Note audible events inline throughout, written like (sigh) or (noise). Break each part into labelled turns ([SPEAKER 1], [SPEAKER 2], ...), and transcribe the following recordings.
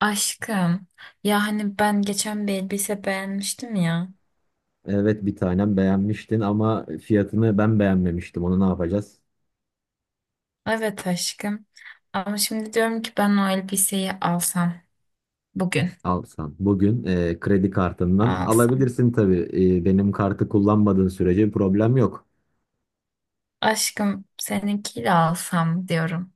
[SPEAKER 1] Aşkım. Ya hani ben geçen bir elbise beğenmiştim ya.
[SPEAKER 2] Evet bir tanem beğenmiştin ama fiyatını ben beğenmemiştim. Onu ne yapacağız?
[SPEAKER 1] Evet aşkım. Ama şimdi diyorum ki ben o elbiseyi alsam. Bugün
[SPEAKER 2] Alsan. Bugün kredi kartından
[SPEAKER 1] alsam.
[SPEAKER 2] alabilirsin tabii. Benim kartı kullanmadığın sürece problem yok.
[SPEAKER 1] Aşkım seninkiyle alsam diyorum.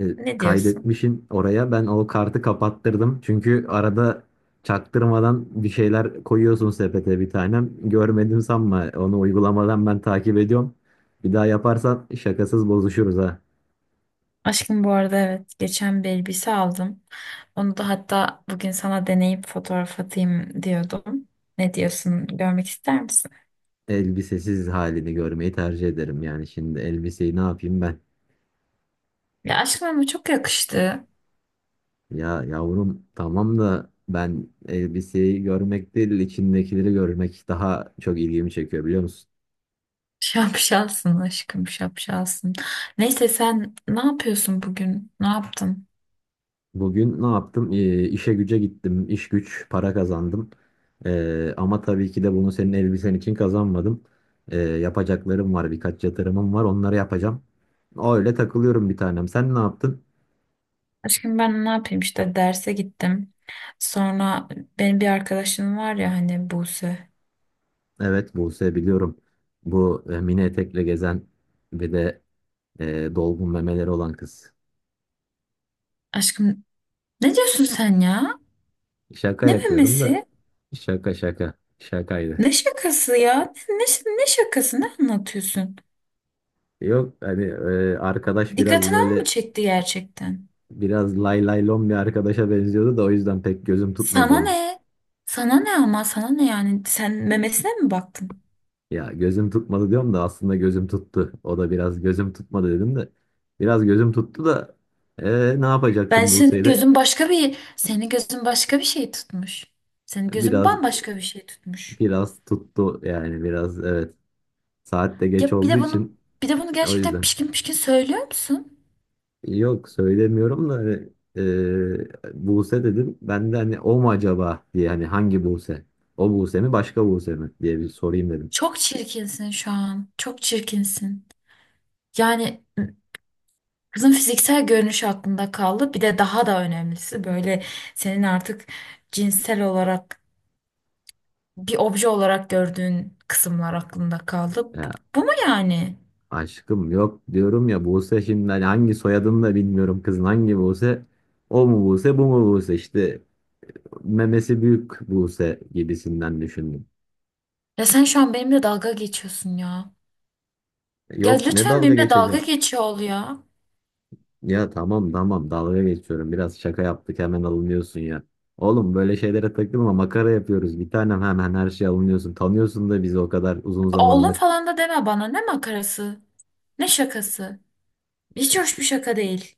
[SPEAKER 2] E,
[SPEAKER 1] Ne diyorsun?
[SPEAKER 2] kaydetmişin oraya. Ben o kartı kapattırdım. Çünkü arada çaktırmadan bir şeyler koyuyorsun sepete bir tanem. Görmedim sanma. Onu uygulamadan ben takip ediyorum. Bir daha yaparsan şakasız bozuşuruz ha.
[SPEAKER 1] Aşkım bu arada evet geçen bir elbise aldım. Onu da hatta bugün sana deneyip fotoğraf atayım diyordum. Ne diyorsun? Görmek ister misin?
[SPEAKER 2] Elbisesiz halini görmeyi tercih ederim. Yani şimdi elbiseyi ne yapayım ben?
[SPEAKER 1] Ya aşkım ama çok yakıştı.
[SPEAKER 2] Ya yavrum tamam da ben elbiseyi görmek değil içindekileri görmek daha çok ilgimi çekiyor biliyor musun?
[SPEAKER 1] Şapşalsın aşkım şapşalsın. Neyse sen ne yapıyorsun bugün? Ne yaptın?
[SPEAKER 2] Bugün ne yaptım? İşe güce gittim. İş güç para kazandım. Ama tabii ki de bunu senin elbisen için kazanmadım. Yapacaklarım var, birkaç yatırımım var, onları yapacağım. Öyle takılıyorum bir tanem. Sen ne yaptın?
[SPEAKER 1] Aşkım ben ne yapayım işte derse gittim. Sonra benim bir arkadaşım var ya hani Buse.
[SPEAKER 2] Evet, Buse biliyorum. Bu mini etekle gezen ve de dolgun memeleri olan kız.
[SPEAKER 1] Aşkım ne diyorsun sen ya?
[SPEAKER 2] Şaka
[SPEAKER 1] Ne
[SPEAKER 2] yapıyorum da.
[SPEAKER 1] memesi?
[SPEAKER 2] Şaka şaka. Şakaydı.
[SPEAKER 1] Ne şakası ya? Ne şakası? Ne anlatıyorsun?
[SPEAKER 2] Yok hani arkadaş biraz
[SPEAKER 1] Dikkatini al mı
[SPEAKER 2] böyle
[SPEAKER 1] çekti gerçekten?
[SPEAKER 2] biraz lay lay lom bir arkadaşa benziyordu da o yüzden pek gözüm tutmadı
[SPEAKER 1] Sana
[SPEAKER 2] onu.
[SPEAKER 1] ne? Sana ne ama sana ne yani? Sen memesine mi baktın?
[SPEAKER 2] Ya gözüm tutmadı diyorum da aslında gözüm tuttu. O da biraz gözüm tutmadı dedim de. Biraz gözüm tuttu da ne
[SPEAKER 1] Ben
[SPEAKER 2] yapacaksın
[SPEAKER 1] senin
[SPEAKER 2] Buse'yle?
[SPEAKER 1] gözün başka bir Senin gözün başka bir şey tutmuş. Senin gözün
[SPEAKER 2] Biraz
[SPEAKER 1] bambaşka bir şey tutmuş.
[SPEAKER 2] biraz tuttu yani, biraz evet. Saat de geç
[SPEAKER 1] Ya bir
[SPEAKER 2] olduğu
[SPEAKER 1] de bunu
[SPEAKER 2] için
[SPEAKER 1] Bir de bunu
[SPEAKER 2] o
[SPEAKER 1] gerçekten
[SPEAKER 2] yüzden.
[SPEAKER 1] pişkin pişkin söylüyor musun?
[SPEAKER 2] Yok söylemiyorum da hani, Buse dedim. Ben de hani o mu acaba diye, hani hangi Buse? O Buse mi başka Buse mi diye bir sorayım dedim.
[SPEAKER 1] Çok çirkinsin şu an. Çok çirkinsin. Yani kızın fiziksel görünüşü aklında kaldı. Bir de daha da önemlisi böyle senin artık cinsel olarak bir obje olarak gördüğün kısımlar aklında kaldı. Bu,
[SPEAKER 2] Ya,
[SPEAKER 1] bu mu yani?
[SPEAKER 2] aşkım yok diyorum ya, Buse şimdi, hani hangi soyadını da bilmiyorum kızın, hangi Buse? O mu Buse, bu mu Buse, işte memesi büyük Buse gibisinden düşündüm.
[SPEAKER 1] Ya sen şu an benimle dalga geçiyorsun ya. Ya
[SPEAKER 2] Yok, ne
[SPEAKER 1] lütfen
[SPEAKER 2] dalga
[SPEAKER 1] benimle dalga
[SPEAKER 2] geçeceğim.
[SPEAKER 1] geçiyor ol ya.
[SPEAKER 2] Ya tamam tamam, dalga geçiyorum. Biraz şaka yaptık hemen alınıyorsun ya. Oğlum böyle şeylere takılma, makara yapıyoruz. Bir tanem hemen her şey alınıyorsun. Tanıyorsun da bizi o kadar uzun
[SPEAKER 1] Oğlum
[SPEAKER 2] zamandır.
[SPEAKER 1] falan da deme bana. Ne makarası? Ne şakası? Hiç hoş bir şaka değil.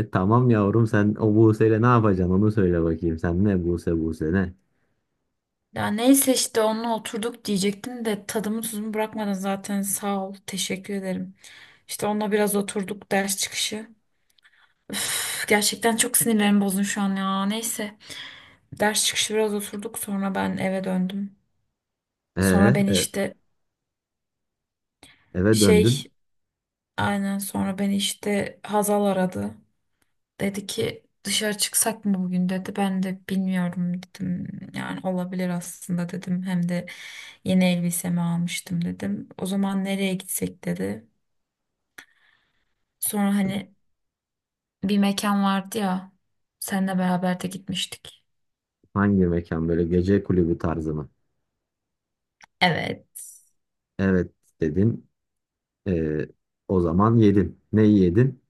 [SPEAKER 2] E tamam yavrum, sen o Buse'yle ne yapacaksın onu söyle bakayım. Sen ne Buse Buse ne?
[SPEAKER 1] Ya neyse işte onunla oturduk diyecektim de tadımı tuzumu bırakmadın zaten sağ ol teşekkür ederim. İşte onunla biraz oturduk ders çıkışı. Üf, gerçekten çok sinirlerim bozdun şu an ya neyse. Ders çıkışı biraz oturduk sonra ben eve döndüm.
[SPEAKER 2] E,
[SPEAKER 1] Sonra beni
[SPEAKER 2] e,
[SPEAKER 1] işte
[SPEAKER 2] eve
[SPEAKER 1] şey
[SPEAKER 2] döndün.
[SPEAKER 1] aynen sonra beni işte Hazal aradı. Dedi ki dışarı çıksak mı bugün dedi. Ben de bilmiyorum dedim. Yani olabilir aslında dedim. Hem de yeni elbisemi almıştım dedim. O zaman nereye gitsek dedi. Sonra hani bir mekan vardı ya. Seninle beraber de gitmiştik.
[SPEAKER 2] Hangi mekan, böyle gece kulübü tarzı mı?
[SPEAKER 1] Evet.
[SPEAKER 2] Evet dedin. E, o zaman yedin. Neyi yedin?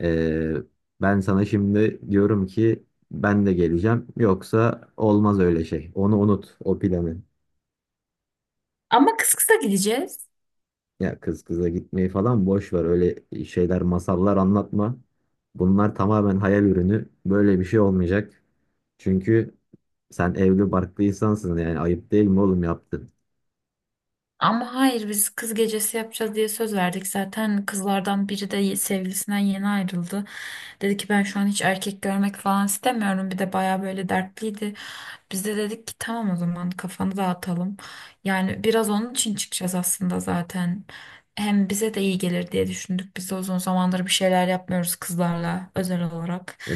[SPEAKER 2] Ee, ben sana şimdi diyorum ki ben de geleceğim. Yoksa olmaz öyle şey. Onu unut, o planı.
[SPEAKER 1] Ama kısa gideceğiz.
[SPEAKER 2] Ya kız kıza gitmeyi falan boş ver. Öyle şeyler, masallar anlatma. Bunlar tamamen hayal ürünü. Böyle bir şey olmayacak. Çünkü sen evli barklı insansın, yani ayıp değil mi oğlum yaptın?
[SPEAKER 1] Ama hayır biz kız gecesi yapacağız diye söz verdik. Zaten kızlardan biri de sevgilisinden yeni ayrıldı. Dedi ki ben şu an hiç erkek görmek falan istemiyorum. Bir de baya böyle dertliydi. Biz de dedik ki tamam o zaman kafanı dağıtalım. Yani biraz onun için çıkacağız aslında zaten. Hem bize de iyi gelir diye düşündük. Biz de uzun zamandır bir şeyler yapmıyoruz kızlarla özel olarak.
[SPEAKER 2] E,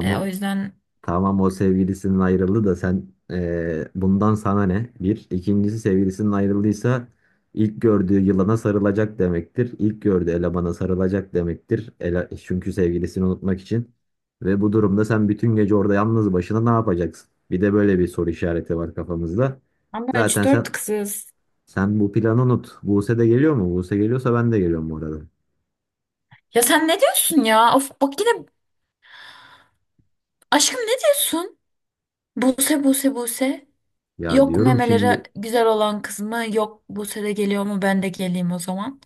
[SPEAKER 1] O yüzden
[SPEAKER 2] Tamam o, sevgilisinin ayrıldı da sen bundan sana ne? Bir. İkincisi, sevgilisinin ayrıldıysa ilk gördüğü yılana sarılacak demektir. İlk gördüğü elemana sarılacak demektir. Çünkü sevgilisini unutmak için. Ve bu durumda sen bütün gece orada yalnız başına ne yapacaksın? Bir de böyle bir soru işareti var kafamızda.
[SPEAKER 1] ama üç
[SPEAKER 2] Zaten sen
[SPEAKER 1] dört kızız.
[SPEAKER 2] sen bu planı unut. Buse de geliyor mu? Buse geliyorsa ben de geliyorum bu arada.
[SPEAKER 1] Ya sen ne diyorsun ya? Of bak yine aşkım ne diyorsun? Buse Buse Buse.
[SPEAKER 2] Ya
[SPEAKER 1] Yok
[SPEAKER 2] diyorum
[SPEAKER 1] memelere
[SPEAKER 2] şimdi
[SPEAKER 1] güzel olan kız mı? Yok Buse de geliyor mu? Ben de geleyim o zaman.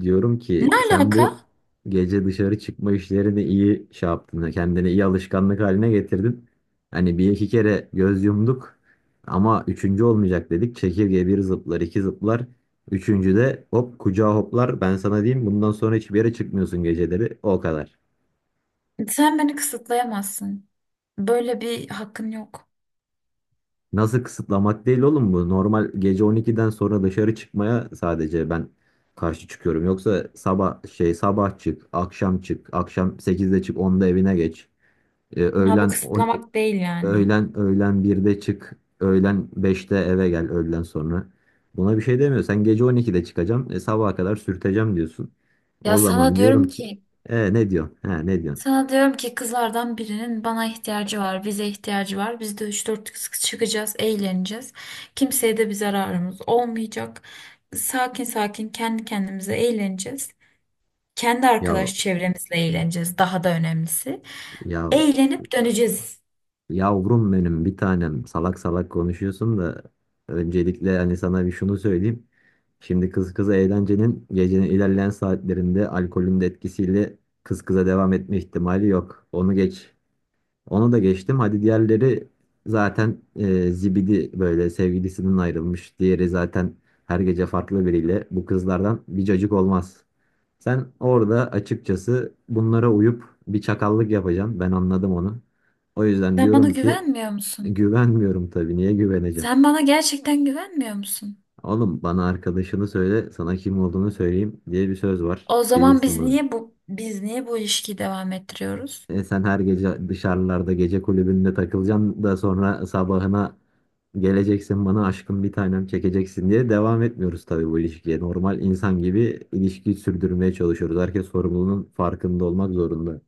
[SPEAKER 2] Diyorum ki
[SPEAKER 1] Ne
[SPEAKER 2] sen
[SPEAKER 1] alaka?
[SPEAKER 2] bu gece dışarı çıkma işlerini iyi şey yaptın. Kendini iyi alışkanlık haline getirdin. Hani bir iki kere göz yumduk ama üçüncü olmayacak dedik. Çekirge bir zıplar, iki zıplar. Üçüncü de hop kucağa hoplar. Ben sana diyeyim, bundan sonra hiçbir yere çıkmıyorsun geceleri. O kadar.
[SPEAKER 1] Sen beni kısıtlayamazsın. Böyle bir hakkın yok.
[SPEAKER 2] Nasıl kısıtlamak değil oğlum bu. Normal gece 12'den sonra dışarı çıkmaya sadece ben karşı çıkıyorum. Yoksa sabah şey, sabah çık, akşam çık, akşam 8'de çık, 10'da evine geç. E,
[SPEAKER 1] Ha bu
[SPEAKER 2] öğlen on-
[SPEAKER 1] kısıtlamak değil yani.
[SPEAKER 2] öğlen 1'de çık, öğlen 5'te eve gel öğlen sonra. Buna bir şey demiyor. Sen gece 12'de çıkacağım, sabaha kadar sürteceğim diyorsun.
[SPEAKER 1] Ya
[SPEAKER 2] O
[SPEAKER 1] sana
[SPEAKER 2] zaman
[SPEAKER 1] diyorum
[SPEAKER 2] diyorum ki,
[SPEAKER 1] ki
[SPEAKER 2] ne diyorsun? Ha ne diyorsun?
[SPEAKER 1] Sana diyorum ki kızlardan birinin bana ihtiyacı var, bize ihtiyacı var. Biz de üç dört kız çıkacağız, eğleneceğiz. Kimseye de bir zararımız olmayacak. Sakin sakin kendi kendimize eğleneceğiz. Kendi
[SPEAKER 2] Ya
[SPEAKER 1] arkadaş çevremizle eğleneceğiz. Daha da önemlisi.
[SPEAKER 2] ya
[SPEAKER 1] Eğlenip döneceğiz.
[SPEAKER 2] yavrum benim bir tanem salak salak konuşuyorsun da öncelikle hani sana bir şunu söyleyeyim. Şimdi kız kıza eğlencenin gecenin ilerleyen saatlerinde alkolün de etkisiyle kız kıza devam etme ihtimali yok. Onu geç. Onu da geçtim. Hadi diğerleri zaten zibidi böyle sevgilisinden ayrılmış. Diğeri zaten her gece farklı biriyle. Bu kızlardan bir cacık olmaz. Sen orada açıkçası bunlara uyup bir çakallık yapacaksın. Ben anladım onu. O yüzden
[SPEAKER 1] Sen bana
[SPEAKER 2] diyorum ki,
[SPEAKER 1] güvenmiyor musun?
[SPEAKER 2] güvenmiyorum tabii. Niye güveneceğim?
[SPEAKER 1] Sen bana gerçekten güvenmiyor musun?
[SPEAKER 2] Oğlum, bana arkadaşını söyle, sana kim olduğunu söyleyeyim diye bir söz var.
[SPEAKER 1] O zaman
[SPEAKER 2] Bilirsin bunu.
[SPEAKER 1] biz niye bu ilişkiyi devam ettiriyoruz?
[SPEAKER 2] Sen her gece dışarılarda gece kulübünde takılacaksın da sonra sabahına geleceksin bana aşkım bir tanem çekeceksin diye devam etmiyoruz tabii bu ilişkiye. Normal insan gibi ilişkiyi sürdürmeye çalışıyoruz. Herkes sorumluluğunun farkında olmak zorunda.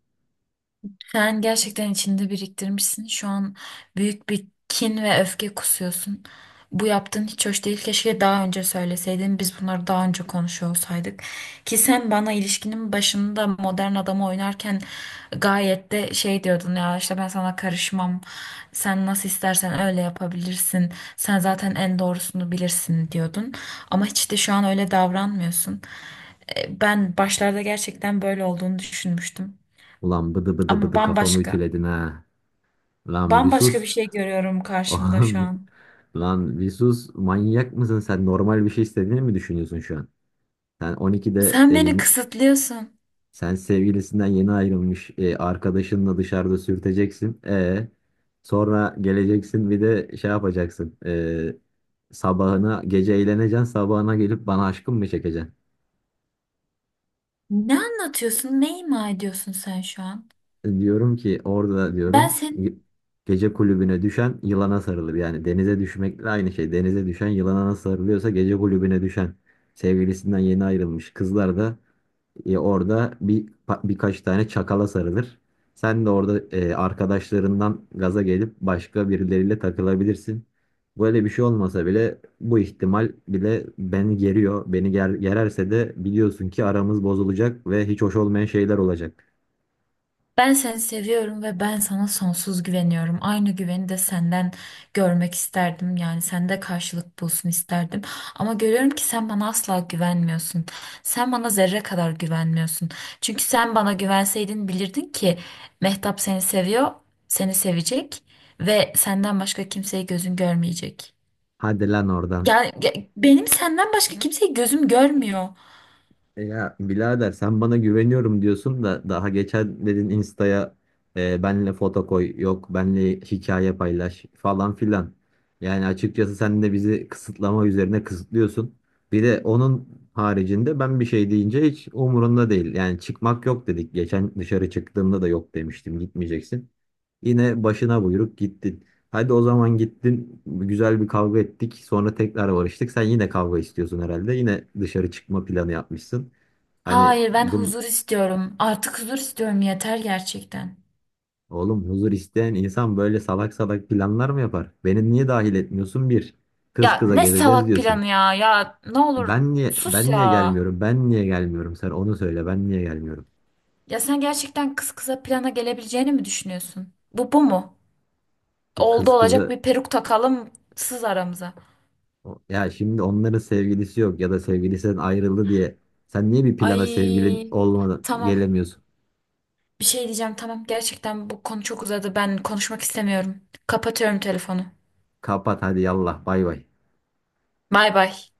[SPEAKER 1] Sen gerçekten içinde biriktirmişsin. Şu an büyük bir kin ve öfke kusuyorsun. Bu yaptığın hiç hoş değil. Keşke daha önce söyleseydin. Biz bunları daha önce konuşuyor olsaydık. Ki sen bana ilişkinin başında modern adamı oynarken gayet de şey diyordun ya işte ben sana karışmam. Sen nasıl istersen öyle yapabilirsin. Sen zaten en doğrusunu bilirsin diyordun. Ama hiç de şu an öyle davranmıyorsun. Ben başlarda gerçekten böyle olduğunu düşünmüştüm.
[SPEAKER 2] Ulan bıdı bıdı
[SPEAKER 1] Ama
[SPEAKER 2] bıdı kafamı
[SPEAKER 1] bambaşka.
[SPEAKER 2] ütüledin ha. Lan bir
[SPEAKER 1] Bambaşka bir
[SPEAKER 2] sus.
[SPEAKER 1] şey görüyorum
[SPEAKER 2] (laughs)
[SPEAKER 1] karşımda şu
[SPEAKER 2] Oğlum bir-
[SPEAKER 1] an.
[SPEAKER 2] Lan bir sus, manyak mısın sen, normal bir şey istediğini mi düşünüyorsun şu an? Sen 12'de
[SPEAKER 1] Sen
[SPEAKER 2] e,
[SPEAKER 1] beni
[SPEAKER 2] yeni-
[SPEAKER 1] kısıtlıyorsun.
[SPEAKER 2] Sen sevgilisinden yeni ayrılmış arkadaşınla dışarıda sürteceksin. Sonra geleceksin bir de şey yapacaksın. Sabahına gece eğleneceksin. Sabahına gelip bana aşkım mı çekeceksin?
[SPEAKER 1] Ne anlatıyorsun? Ne ima ediyorsun sen şu an?
[SPEAKER 2] Diyorum ki orada
[SPEAKER 1] Ben seni,
[SPEAKER 2] gece kulübüne düşen yılana sarılır. Yani denize düşmekle aynı şey. Denize düşen yılana nasıl sarılıyorsa gece kulübüne düşen sevgilisinden yeni ayrılmış kızlar da orada bir birkaç tane çakala sarılır. Sen de orada arkadaşlarından gaza gelip başka birileriyle takılabilirsin. Böyle bir şey olmasa bile bu ihtimal bile beni geriyor. Beni gererse de biliyorsun ki aramız bozulacak ve hiç hoş olmayan şeyler olacak.
[SPEAKER 1] Ben seni seviyorum ve ben sana sonsuz güveniyorum. Aynı güveni de senden görmek isterdim. Yani sende karşılık bulsun isterdim. Ama görüyorum ki sen bana asla güvenmiyorsun. Sen bana zerre kadar güvenmiyorsun. Çünkü sen bana güvenseydin bilirdin ki Mehtap seni seviyor, seni sevecek ve senden başka kimseyi gözün görmeyecek.
[SPEAKER 2] Hadi lan oradan.
[SPEAKER 1] Benim senden başka kimseyi gözüm görmüyor.
[SPEAKER 2] Ya birader, sen bana güveniyorum diyorsun da daha geçen dedin Insta'ya benle foto koy, yok benle hikaye paylaş falan filan. Yani açıkçası sen de bizi kısıtlama üzerine kısıtlıyorsun. Bir de onun haricinde ben bir şey deyince hiç umurunda değil. Yani çıkmak yok dedik. Geçen dışarı çıktığımda da yok demiştim, gitmeyeceksin. Yine başına buyruk gittin. Hadi o zaman gittin, güzel bir kavga ettik, sonra tekrar barıştık. Sen yine kavga istiyorsun herhalde. Yine dışarı çıkma planı yapmışsın. Hani
[SPEAKER 1] Hayır ben
[SPEAKER 2] bu
[SPEAKER 1] huzur istiyorum. Artık huzur istiyorum yeter gerçekten.
[SPEAKER 2] oğlum huzur isteyen insan böyle salak salak planlar mı yapar? Beni niye dahil etmiyorsun bir? Kız
[SPEAKER 1] Ya
[SPEAKER 2] kıza
[SPEAKER 1] ne
[SPEAKER 2] gezeceğiz
[SPEAKER 1] salak
[SPEAKER 2] diyorsun.
[SPEAKER 1] planı ya. Ya ne olur
[SPEAKER 2] Ben niye
[SPEAKER 1] sus
[SPEAKER 2] ben niye
[SPEAKER 1] ya.
[SPEAKER 2] gelmiyorum? Ben niye gelmiyorum? Sen onu söyle. Ben niye gelmiyorum?
[SPEAKER 1] Ya sen gerçekten kız kıza plana gelebileceğini mi düşünüyorsun? Bu bu mu? Oldu
[SPEAKER 2] Kız
[SPEAKER 1] olacak
[SPEAKER 2] kızı
[SPEAKER 1] bir peruk takalım sız aramıza.
[SPEAKER 2] ya şimdi onların sevgilisi yok ya da sevgilisinden ayrıldı diye sen niye bir plana sevgilin
[SPEAKER 1] Ay
[SPEAKER 2] olmadan
[SPEAKER 1] tamam.
[SPEAKER 2] gelemiyorsun?
[SPEAKER 1] Bir şey diyeceğim tamam. Gerçekten bu konu çok uzadı. Ben konuşmak istemiyorum. Kapatıyorum telefonu.
[SPEAKER 2] Kapat hadi, yallah, bay bay.
[SPEAKER 1] Bay bay.